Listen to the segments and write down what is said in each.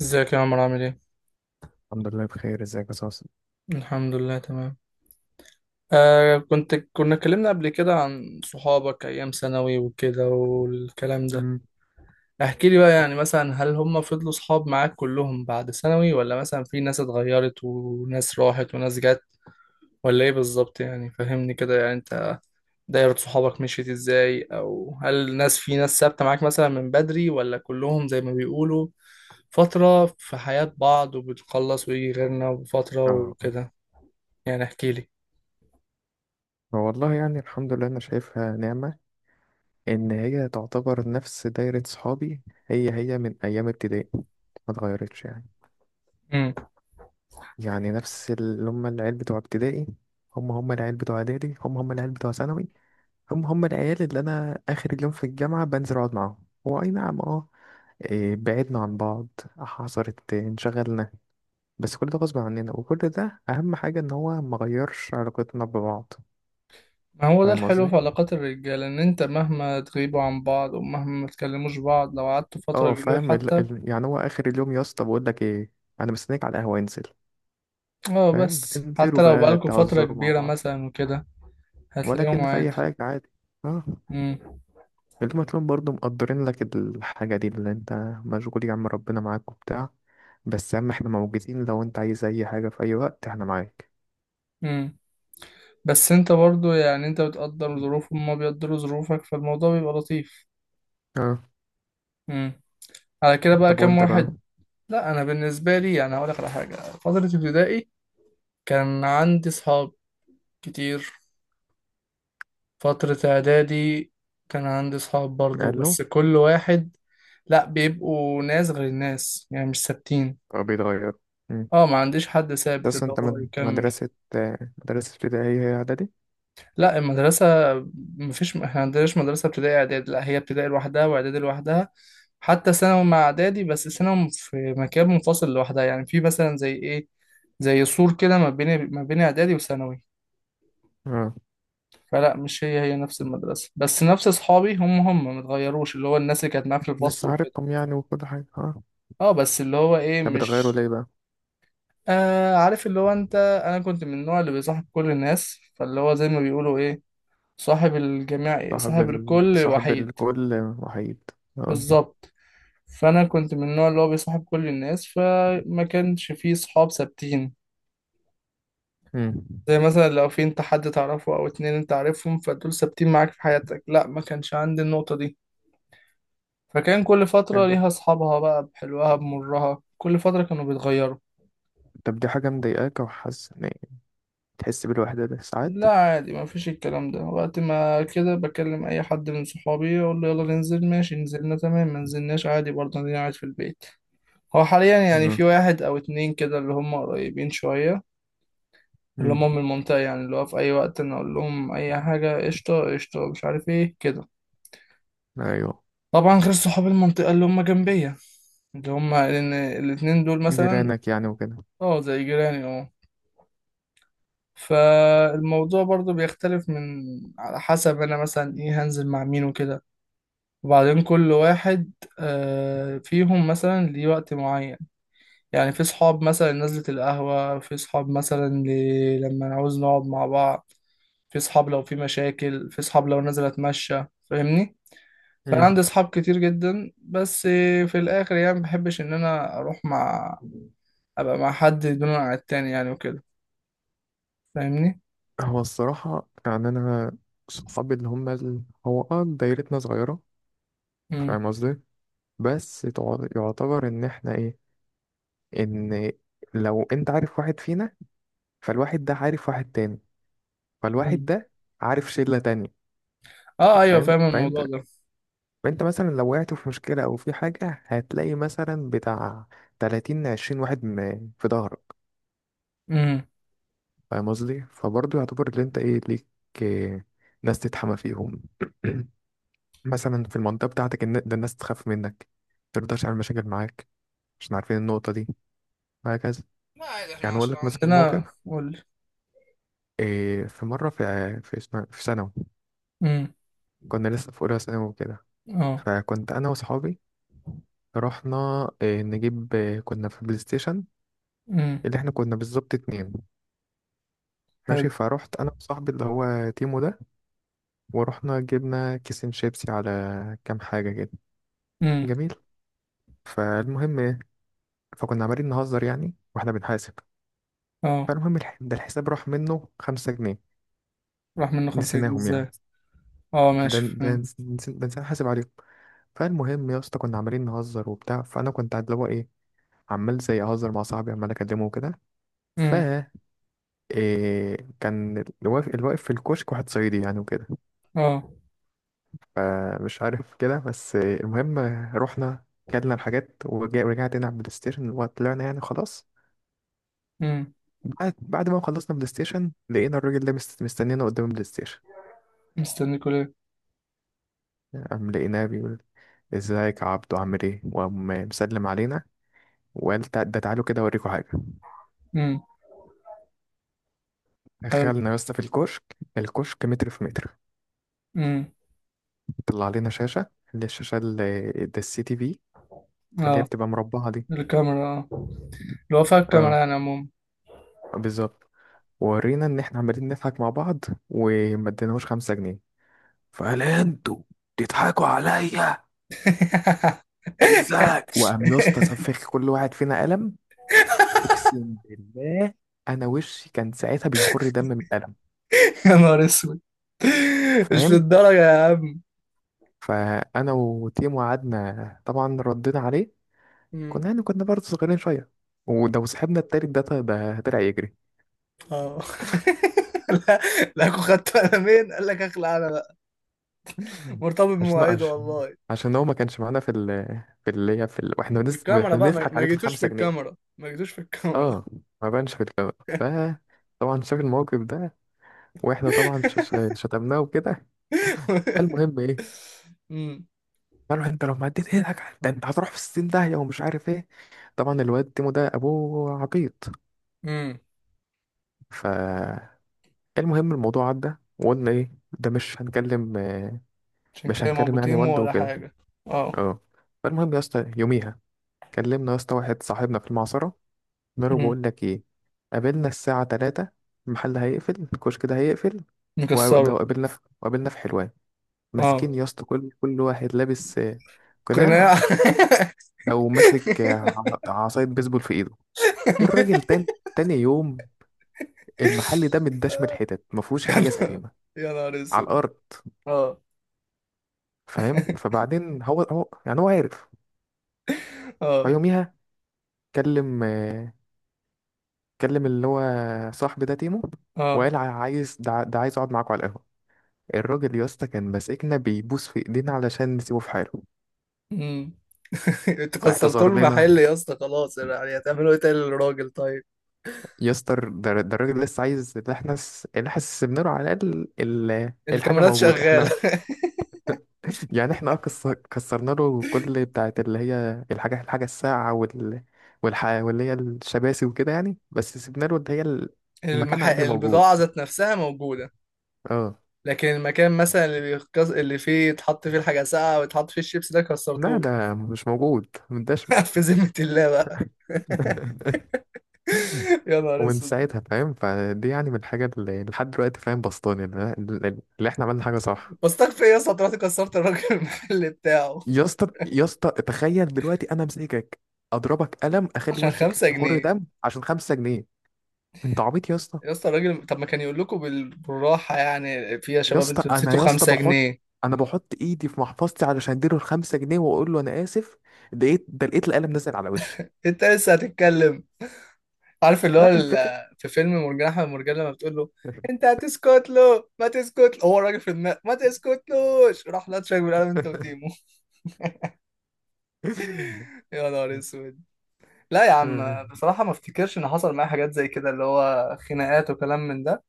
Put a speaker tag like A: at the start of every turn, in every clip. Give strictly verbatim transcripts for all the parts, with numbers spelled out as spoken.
A: ازيك يا عمرو عامل ايه؟
B: الحمد لله بخير. ازيك يا صاصا؟
A: الحمد لله تمام. آه كنت كنا اتكلمنا قبل كده عن صحابك ايام ثانوي وكده والكلام ده.
B: مم.
A: احكي لي بقى، يعني مثلا هل هم فضلوا صحاب معاك كلهم بعد ثانوي، ولا مثلا في ناس اتغيرت وناس راحت وناس جت، ولا ايه بالظبط؟ يعني فهمني كده، يعني انت دايرة صحابك مشيت ازاي، او هل ناس في ناس ثابتة معاك مثلا من بدري، ولا كلهم زي ما بيقولوا فترة في حياة بعض وبتخلص ويجي غيرنا وفترة
B: اه،
A: وكده؟ يعني احكي لي.
B: هو والله يعني الحمد لله انا شايفها نعمة، ان هي تعتبر نفس دايرة صحابي. هي هي من ايام ابتدائي، ما اتغيرتش يعني يعني نفس اللي هم العيال بتوع ابتدائي، هم هم العيال بتوع اعدادي، هم هم العيال بتوع ثانوي، هم هم العيال اللي انا اخر اليوم في الجامعة بنزل اقعد معاهم. هو اي نعم، اه، إيه، بعدنا عن بعض، حصلت انشغلنا، بس كل ده غصب عننا، وكل ده اهم حاجة ان هو ما غيرش علاقتنا ببعض.
A: ما هو ده
B: فاهم
A: الحلو في
B: قصدي؟
A: علاقات الرجالة، إن أنت مهما تغيبوا عن بعض ومهما ما تكلموش بعض لو قعدتوا فترة
B: اه
A: كبيرة
B: فاهم. ال...
A: حتى.
B: ال... يعني هو اخر اليوم يا اسطى بقول لك ايه، انا مستنيك على القهوه، انزل.
A: اه،
B: فاهم؟
A: بس
B: بتنزلوا
A: حتى لو
B: بقى
A: بقالكوا فترة
B: تهزروا مع
A: كبيرة
B: بعض،
A: مثلا وكده هتلاقيهم
B: ولكن في اي
A: عادي.
B: حاجه عادي. اه،
A: مم.
B: اليوم هتلاقيهم برضه مقدرين لك الحاجه دي، اللي انت مشغول يا عم، ربنا معاك وبتاع، بس يا عم احنا موجودين، لو انت عايز اي حاجه في اي وقت احنا معاك.
A: مم. بس أنت برضو يعني أنت بتقدر ظروفهم وما بيقدروا ظروفك، فالموضوع بيبقى لطيف.
B: اه.
A: مم. على كده بقى
B: طب
A: كام
B: وانت بقى؟
A: واحد؟ لا، أنا بالنسبة لي يعني هقولك على حاجة. فترة ابتدائي كان عندي صحاب كتير. فترة إعدادي كان عندي صحاب برضو،
B: قال له.
A: بس كل واحد. لأ، بيبقوا ناس غير الناس يعني، مش ثابتين.
B: اه بيتغير. مم.
A: اه، ما عنديش حد ثابت
B: بس
A: اللي
B: انت
A: هو
B: مد-
A: يكمل.
B: مدرسه آه، مدرسه ابتدائيه هي اعدادي؟
A: لأ، المدرسة مفيش، احنا عندناش مدرسة ابتدائي إعدادي، لأ هي ابتدائي لوحدها وإعدادي لوحدها. حتى ثانوي مع إعدادي بس ثانوي في مكان منفصل لوحدها، يعني في مثلا زي إيه، زي سور كده ما بين ما بين إعدادي وثانوي.
B: اه،
A: فلا، مش هي هي نفس المدرسة، بس نفس أصحابي هم هم متغيروش، اللي هو الناس اللي كانت معايا في الفصل.
B: لسه عارفهم يعني وكل حاجه، اه.
A: اه، بس اللي هو ايه،
B: طب بتغيروا
A: مش
B: ليه بقى؟
A: آه عارف اللي هو انت. انا كنت من النوع اللي بيصاحب كل الناس، فاللي هو زي ما بيقولوا ايه، صاحب الجميع إيه؟
B: صاحب
A: صاحب
B: ال...
A: الكل
B: صاحب
A: وحيد.
B: الكل وحيد. اه.
A: بالظبط. فانا كنت من النوع اللي هو بيصاحب كل الناس، فما كانش فيه صحاب ثابتين.
B: امم.
A: زي مثلا لو في انت حد تعرفه او اتنين انت عارفهم، فدول ثابتين معاك في حياتك، لا، ما كانش عندي النقطة دي. فكان كل فترة
B: فاهم.
A: ليها اصحابها بقى، بحلوها بمرها، كل فترة كانوا بيتغيروا.
B: طب دي حاجة مضايقاك، أو حاسس إن تحس بالوحدة ده ساعات؟
A: لا عادي، ما فيش الكلام ده، وقت ما كده بكلم اي حد من صحابي اقول له يلا ننزل، ماشي نزلنا تمام، ما نزلناش عادي برضه انا قاعد في البيت. هو حاليا يعني
B: اه.
A: في واحد او اتنين كده اللي هم قريبين شوية، اللي
B: امم.
A: هم من المنطقة، يعني اللي هو في اي وقت انا اقول لهم اي حاجة قشطة قشطة، مش عارف ايه كده.
B: أيوه.
A: طبعا غير صحاب المنطقة اللي هم جنبية، اللي هما لأن الاتنين دول مثلا،
B: جيرانك يعني وكده.
A: اه زي جيراني اه. فالموضوع برضو بيختلف من، على حسب أنا مثلا إيه هنزل مع مين وكده. وبعدين كل واحد آه، فيهم مثلا ليه وقت معين، يعني في صحاب مثلا نزلة القهوة، في صحاب مثلا ل- لما نعوز نقعد مع بعض، في صحاب لو في مشاكل، في صحاب لو نازل اتمشى، فاهمني. فانا
B: امم.
A: عندي صحاب كتير جدا، بس في الاخر يعني مبحبش ان انا اروح مع، ابقى مع حد دون عن التاني يعني وكده، فاهمني.
B: هو الصراحة يعني أنا، صحابي اللي هم ال... هو اه دايرتنا صغيرة.
A: امم.
B: فاهم قصدي؟ بس تع- يعتبر إن إحنا إيه؟ إن لو أنت عارف واحد فينا، فالواحد ده عارف واحد تاني، فالواحد
A: امم.
B: ده عارف شلة تانية.
A: اه ايوه
B: فاهم؟
A: فاهم
B: فأنت،
A: الموضوع ده.
B: فانت مثلا لو وقعت في مشكلة او في حاجة هتلاقي مثلا بتاع تلاتين عشرين واحد م- في ظهرك.
A: امم.
B: فاهم قصدي؟ فبرضه يعتبر اللي انت ايه ليك، إيه، ناس تتحمى فيهم. مثلا في المنطقة بتاعتك الن- ده الناس تخاف منك، مترضاش على مشاكل معاك عشان عارفين النقطة دي، وهكذا.
A: لا عادي، احنا
B: يعني اقول
A: عشان
B: لك مثلا موقف،
A: عندنا قول.
B: إيه، في مرة في آه، في اسمها في ثانوي،
A: امم.
B: كنا لسه في اولى ثانوي وكده.
A: اه.
B: فكنت انا واصحابي رحنا إيه نجيب إيه، كنا في بلاي ستيشن.
A: مم.
B: اللي احنا كنا بالظبط اتنين. ماشي.
A: حلو.
B: فروحت انا وصاحبي اللي هو تيمو ده، ورحنا جبنا كيسين شيبسي على كام حاجه كده.
A: امم.
B: جميل. فالمهم ايه، فكنا عمالين نهزر يعني واحنا بنحاسب.
A: اه.
B: فالمهم الح- ده الحساب راح منه خمسة جنيه،
A: راح منه خمسة جنيه
B: نسيناهم
A: ازاي؟
B: يعني.
A: اه
B: ده
A: ماشي
B: ده
A: فاهم.
B: نس- نس- ده نسينا نحاسب عليهم. فالمهم يا اسطى كنا عمالين نهزر وبتاع، فانا كنت اللي هو ايه، عمال زي اهزر مع صاحبي، عمال اكلمه وكده. ف
A: امم.
B: إيه، كان اللي واقف، اللي واقف في الكشك واحد صعيدي يعني وكده.
A: اه.
B: فمش عارف كده، بس المهم رحنا، كلنا الحاجات، ورجع- ورجعت هنا على البلاي ستيشن وطلعنا، يعني خلاص.
A: امم.
B: بعد بعد ما خلصنا بلاي ستيشن لقينا الراجل ده مست- مستنينا قدام البلاي ستيشن.
A: مستنيكوا ليه؟
B: قام لقيناه بيقول ازيك يا عبدو عامل ايه، وقام مسلم علينا وقال تع- ده تعالوا كده اوريكم حاجه.
A: امم. حلو.
B: دخلنا يا اسطى في الكشك، الكشك متر في متر.
A: امم.
B: طلع علينا شاشه، اللي الشاشه اللي ده السي تي في، اللي هي
A: اه.
B: بتبقى مربعه دي.
A: الكاميرا اه، اللي هو فيها الكاميرا
B: اه،
A: يعني عموما.
B: بالظبط. ورينا ان احنا عمالين نضحك مع بعض، وما اديناهوش خمسة جنيه. فقال انتوا بتضحكوا عليا ازاي، وقام يا اسطى سفخ كل واحد فينا قلم. اقسم بالله، انا وشي كان ساعتها بيخر دم من القلم.
A: يا نهار اسود. مش
B: فاهم؟
A: للدرجة يا عم.
B: فانا وتيمو قعدنا طبعا ردينا عليه،
A: امم.
B: كنا يعني كنا برضه صغيرين شويه، ولو صاحبنا التالت ده ط- ده طلع يجري.
A: اه. لا. لا أكون خدت قلمين، قال لك اخلع انا بقى، مرتبط
B: عشان
A: بمواعيده
B: عشان
A: والله.
B: عشان هو ما كانش معانا في ال، في اللي هي في ال... واحنا بنس...
A: الكاميرا
B: واحنا
A: بقى، ما
B: بنضحك
A: ما
B: عليه في
A: جيتوش في
B: الخمسة جنيه.
A: الكاميرا، ما جيتوش في الكاميرا.
B: اه، ما بانش في الكاميرا. ف طبعا شاف الموقف ده، واحنا طبعا ش- ش- شتمناه وكده. فالمهم ايه،
A: امم.
B: قالوا انت لو ما اديت ايدك ده انت هتروح في الستين داهية ومش عارف ايه. طبعا الواد تيمو ده ابوه عبيط.
A: امم.
B: فالمهم، الموضوع عدى وقلنا ايه، ده مش هنكلم آه،
A: عشان
B: مش
A: كده ما
B: هنكلم يعني
A: بوتيمو
B: والده
A: ولا
B: وكده.
A: حاجة. اه.
B: اه. فالمهم يا اسطى يوميها كلمنا يا اسطى واحد صاحبنا في المعصرة، قلنا له
A: امم.
B: بقول لك ايه، قابلنا الساعة تلاتة. المحل هيقفل، الكشك ده هيقفل. وده
A: مكسره.
B: وقابلنا في، وقابلنا في حلوان.
A: اه
B: ماسكين يا اسطى كل كل واحد لابس آه،
A: قناع.
B: قناع، او ماسك
A: يا
B: ع- عصاية بيسبول في ايده. الراجل تاني، تاني يوم، المحل ده متداش من الحتت، ما فيهوش حاجه
A: نهار
B: سليمه
A: يا نهار
B: على
A: اسود.
B: الارض.
A: اه.
B: فاهم؟ فبعدين هو هو يعني هو عارف.
A: اه.
B: فيوميها كلم آه، كلم اللي هو صاحبي ده تيمو،
A: اه.
B: وقال ع- عايز ده ع- ده عايز اقعد معاكوا على القهوه. الراجل يا اسطى كان ماسكنا بيبوس في ايدينا علشان نسيبه في حاله،
A: امم. انت كسرتوا
B: اعتذر لنا.
A: المحل يا اسطى خلاص، يعني هتعملوا ايه تاني للراجل طيب؟
B: يا اسطى ده ده الراجل لسه عايز، اللي احنا س- اللي احنا سيبنا له على الاقل ال- الحاجه
A: الكاميرات
B: موجوده
A: شغالة.
B: احنا. يعني احنا اه كسر... كسرنا له كل بتاعت اللي هي الحاجة الحاجة الساقعة وال... والح... واللي هي الشباسي وكده يعني، بس سيبنا له اللي هي ال- المكان
A: المح...
B: عادي اللي موجود.
A: البضاعة ذات نفسها موجودة.
B: اه.
A: لكن المكان مثلا اللي بيكس... اللي فيه يتحط فيه الحاجة ساقعة ويتحط فيه الشيبس ده
B: لا
A: كسرتوه.
B: ده مش موجود، مداش.
A: في ذمة الله بقى. يا نهار
B: ومن
A: اسود.
B: ساعتها فاهم، فدي يعني من الحاجة، اللي لحد دلوقتي فاهم بسطاني، اللي, اللي احنا عملنا حاجة صح.
A: بستغفر ايه يا اسطى، طلعت كسرت الراجل المحل بتاعه
B: يا اسطى، يا اسطى تخيل دلوقتي انا امسكك اضربك قلم اخلي
A: عشان
B: وشك
A: خمسة
B: يخر
A: جنيه
B: دم عشان خمسة جنيه. انت عبيط يا اسطى.
A: يا اسطى الراجل طب ما كان يقول لكم بال... بالراحة يعني، في يا
B: يا
A: شباب
B: اسطى
A: انتوا
B: انا
A: نسيتوا
B: يا اسطى
A: خمسة
B: بحط،
A: جنيه
B: انا بحط ايدي في محفظتي علشان اديله الخمسة جنيه واقول له انا اسف، لقيت ده لقيت القلم نزل على وشي.
A: انت لسه هتتكلم، عارف اللي هو
B: لا الفكرة.
A: ال- في فيلم مرجان احمد مرجان لما بتقول له، انت هتسكت له، ما تسكت له هو الراجل في دماغه، ما تسكتلوش راح لطشك بالقلم انت وتيمو. يا نهار اسود. لا يا عم، بصراحة ما افتكرش ان حصل معايا حاجات زي كده، اللي هو خناقات وكلام من ده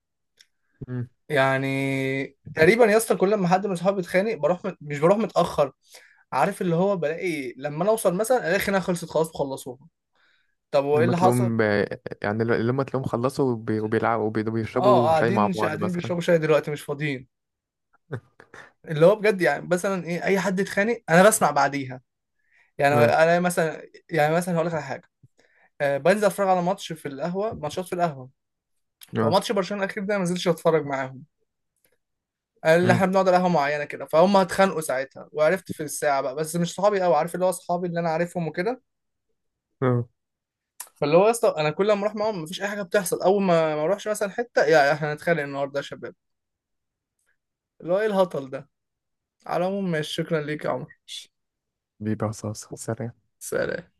A: يعني. تقريبا يا اسطى كل ما حد من صحابي بيتخانق بروح مت... مش بروح متأخر، عارف اللي هو بلاقي لما انا اوصل مثلا الاقي الخناقة خلصت خلاص وخلصوها. طب وايه
B: لما
A: اللي حصل؟
B: تلاقيهم ب- يعني ل- لما تلاقيهم خلصوا وبي- وبيلعبوا وبي-
A: اه
B: وبيشربوا شاي مع
A: قاعدين، مش
B: بعض
A: قاعدين
B: مثلا.
A: بيشربوا شاي دلوقتي مش فاضيين. اللي هو بجد يعني مثلا ايه، اي حد يتخانق انا بسمع بعديها. يعني
B: آه،
A: انا مثلا، يعني مثلا هقول لك على حاجة آه، بنزل اتفرج على ماتش في القهوة، ماتشات في القهوة.
B: آه،
A: فماتش برشلونة الأخير ده ما نزلتش أتفرج معاهم، اللي
B: آه،
A: احنا بنقعد على قهوه معينه كده، فهم اتخانقوا ساعتها وعرفت في الساعه بقى، بس مش صحابي قوي، عارف اللي هو اصحابي اللي انا عارفهم وكده.
B: آه.
A: فاللي هو يا اسطى انا كل ما اروح معاهم مفيش اي حاجه بتحصل، اول ما ما اروحش مثلا حته، يا احنا هنتخانق النهارده يا شباب. اللي هو ايه الهطل ده. على العموم ماشي، شكرا ليك يا عمر.
B: بيبقى صاصة، سلام.
A: سلام.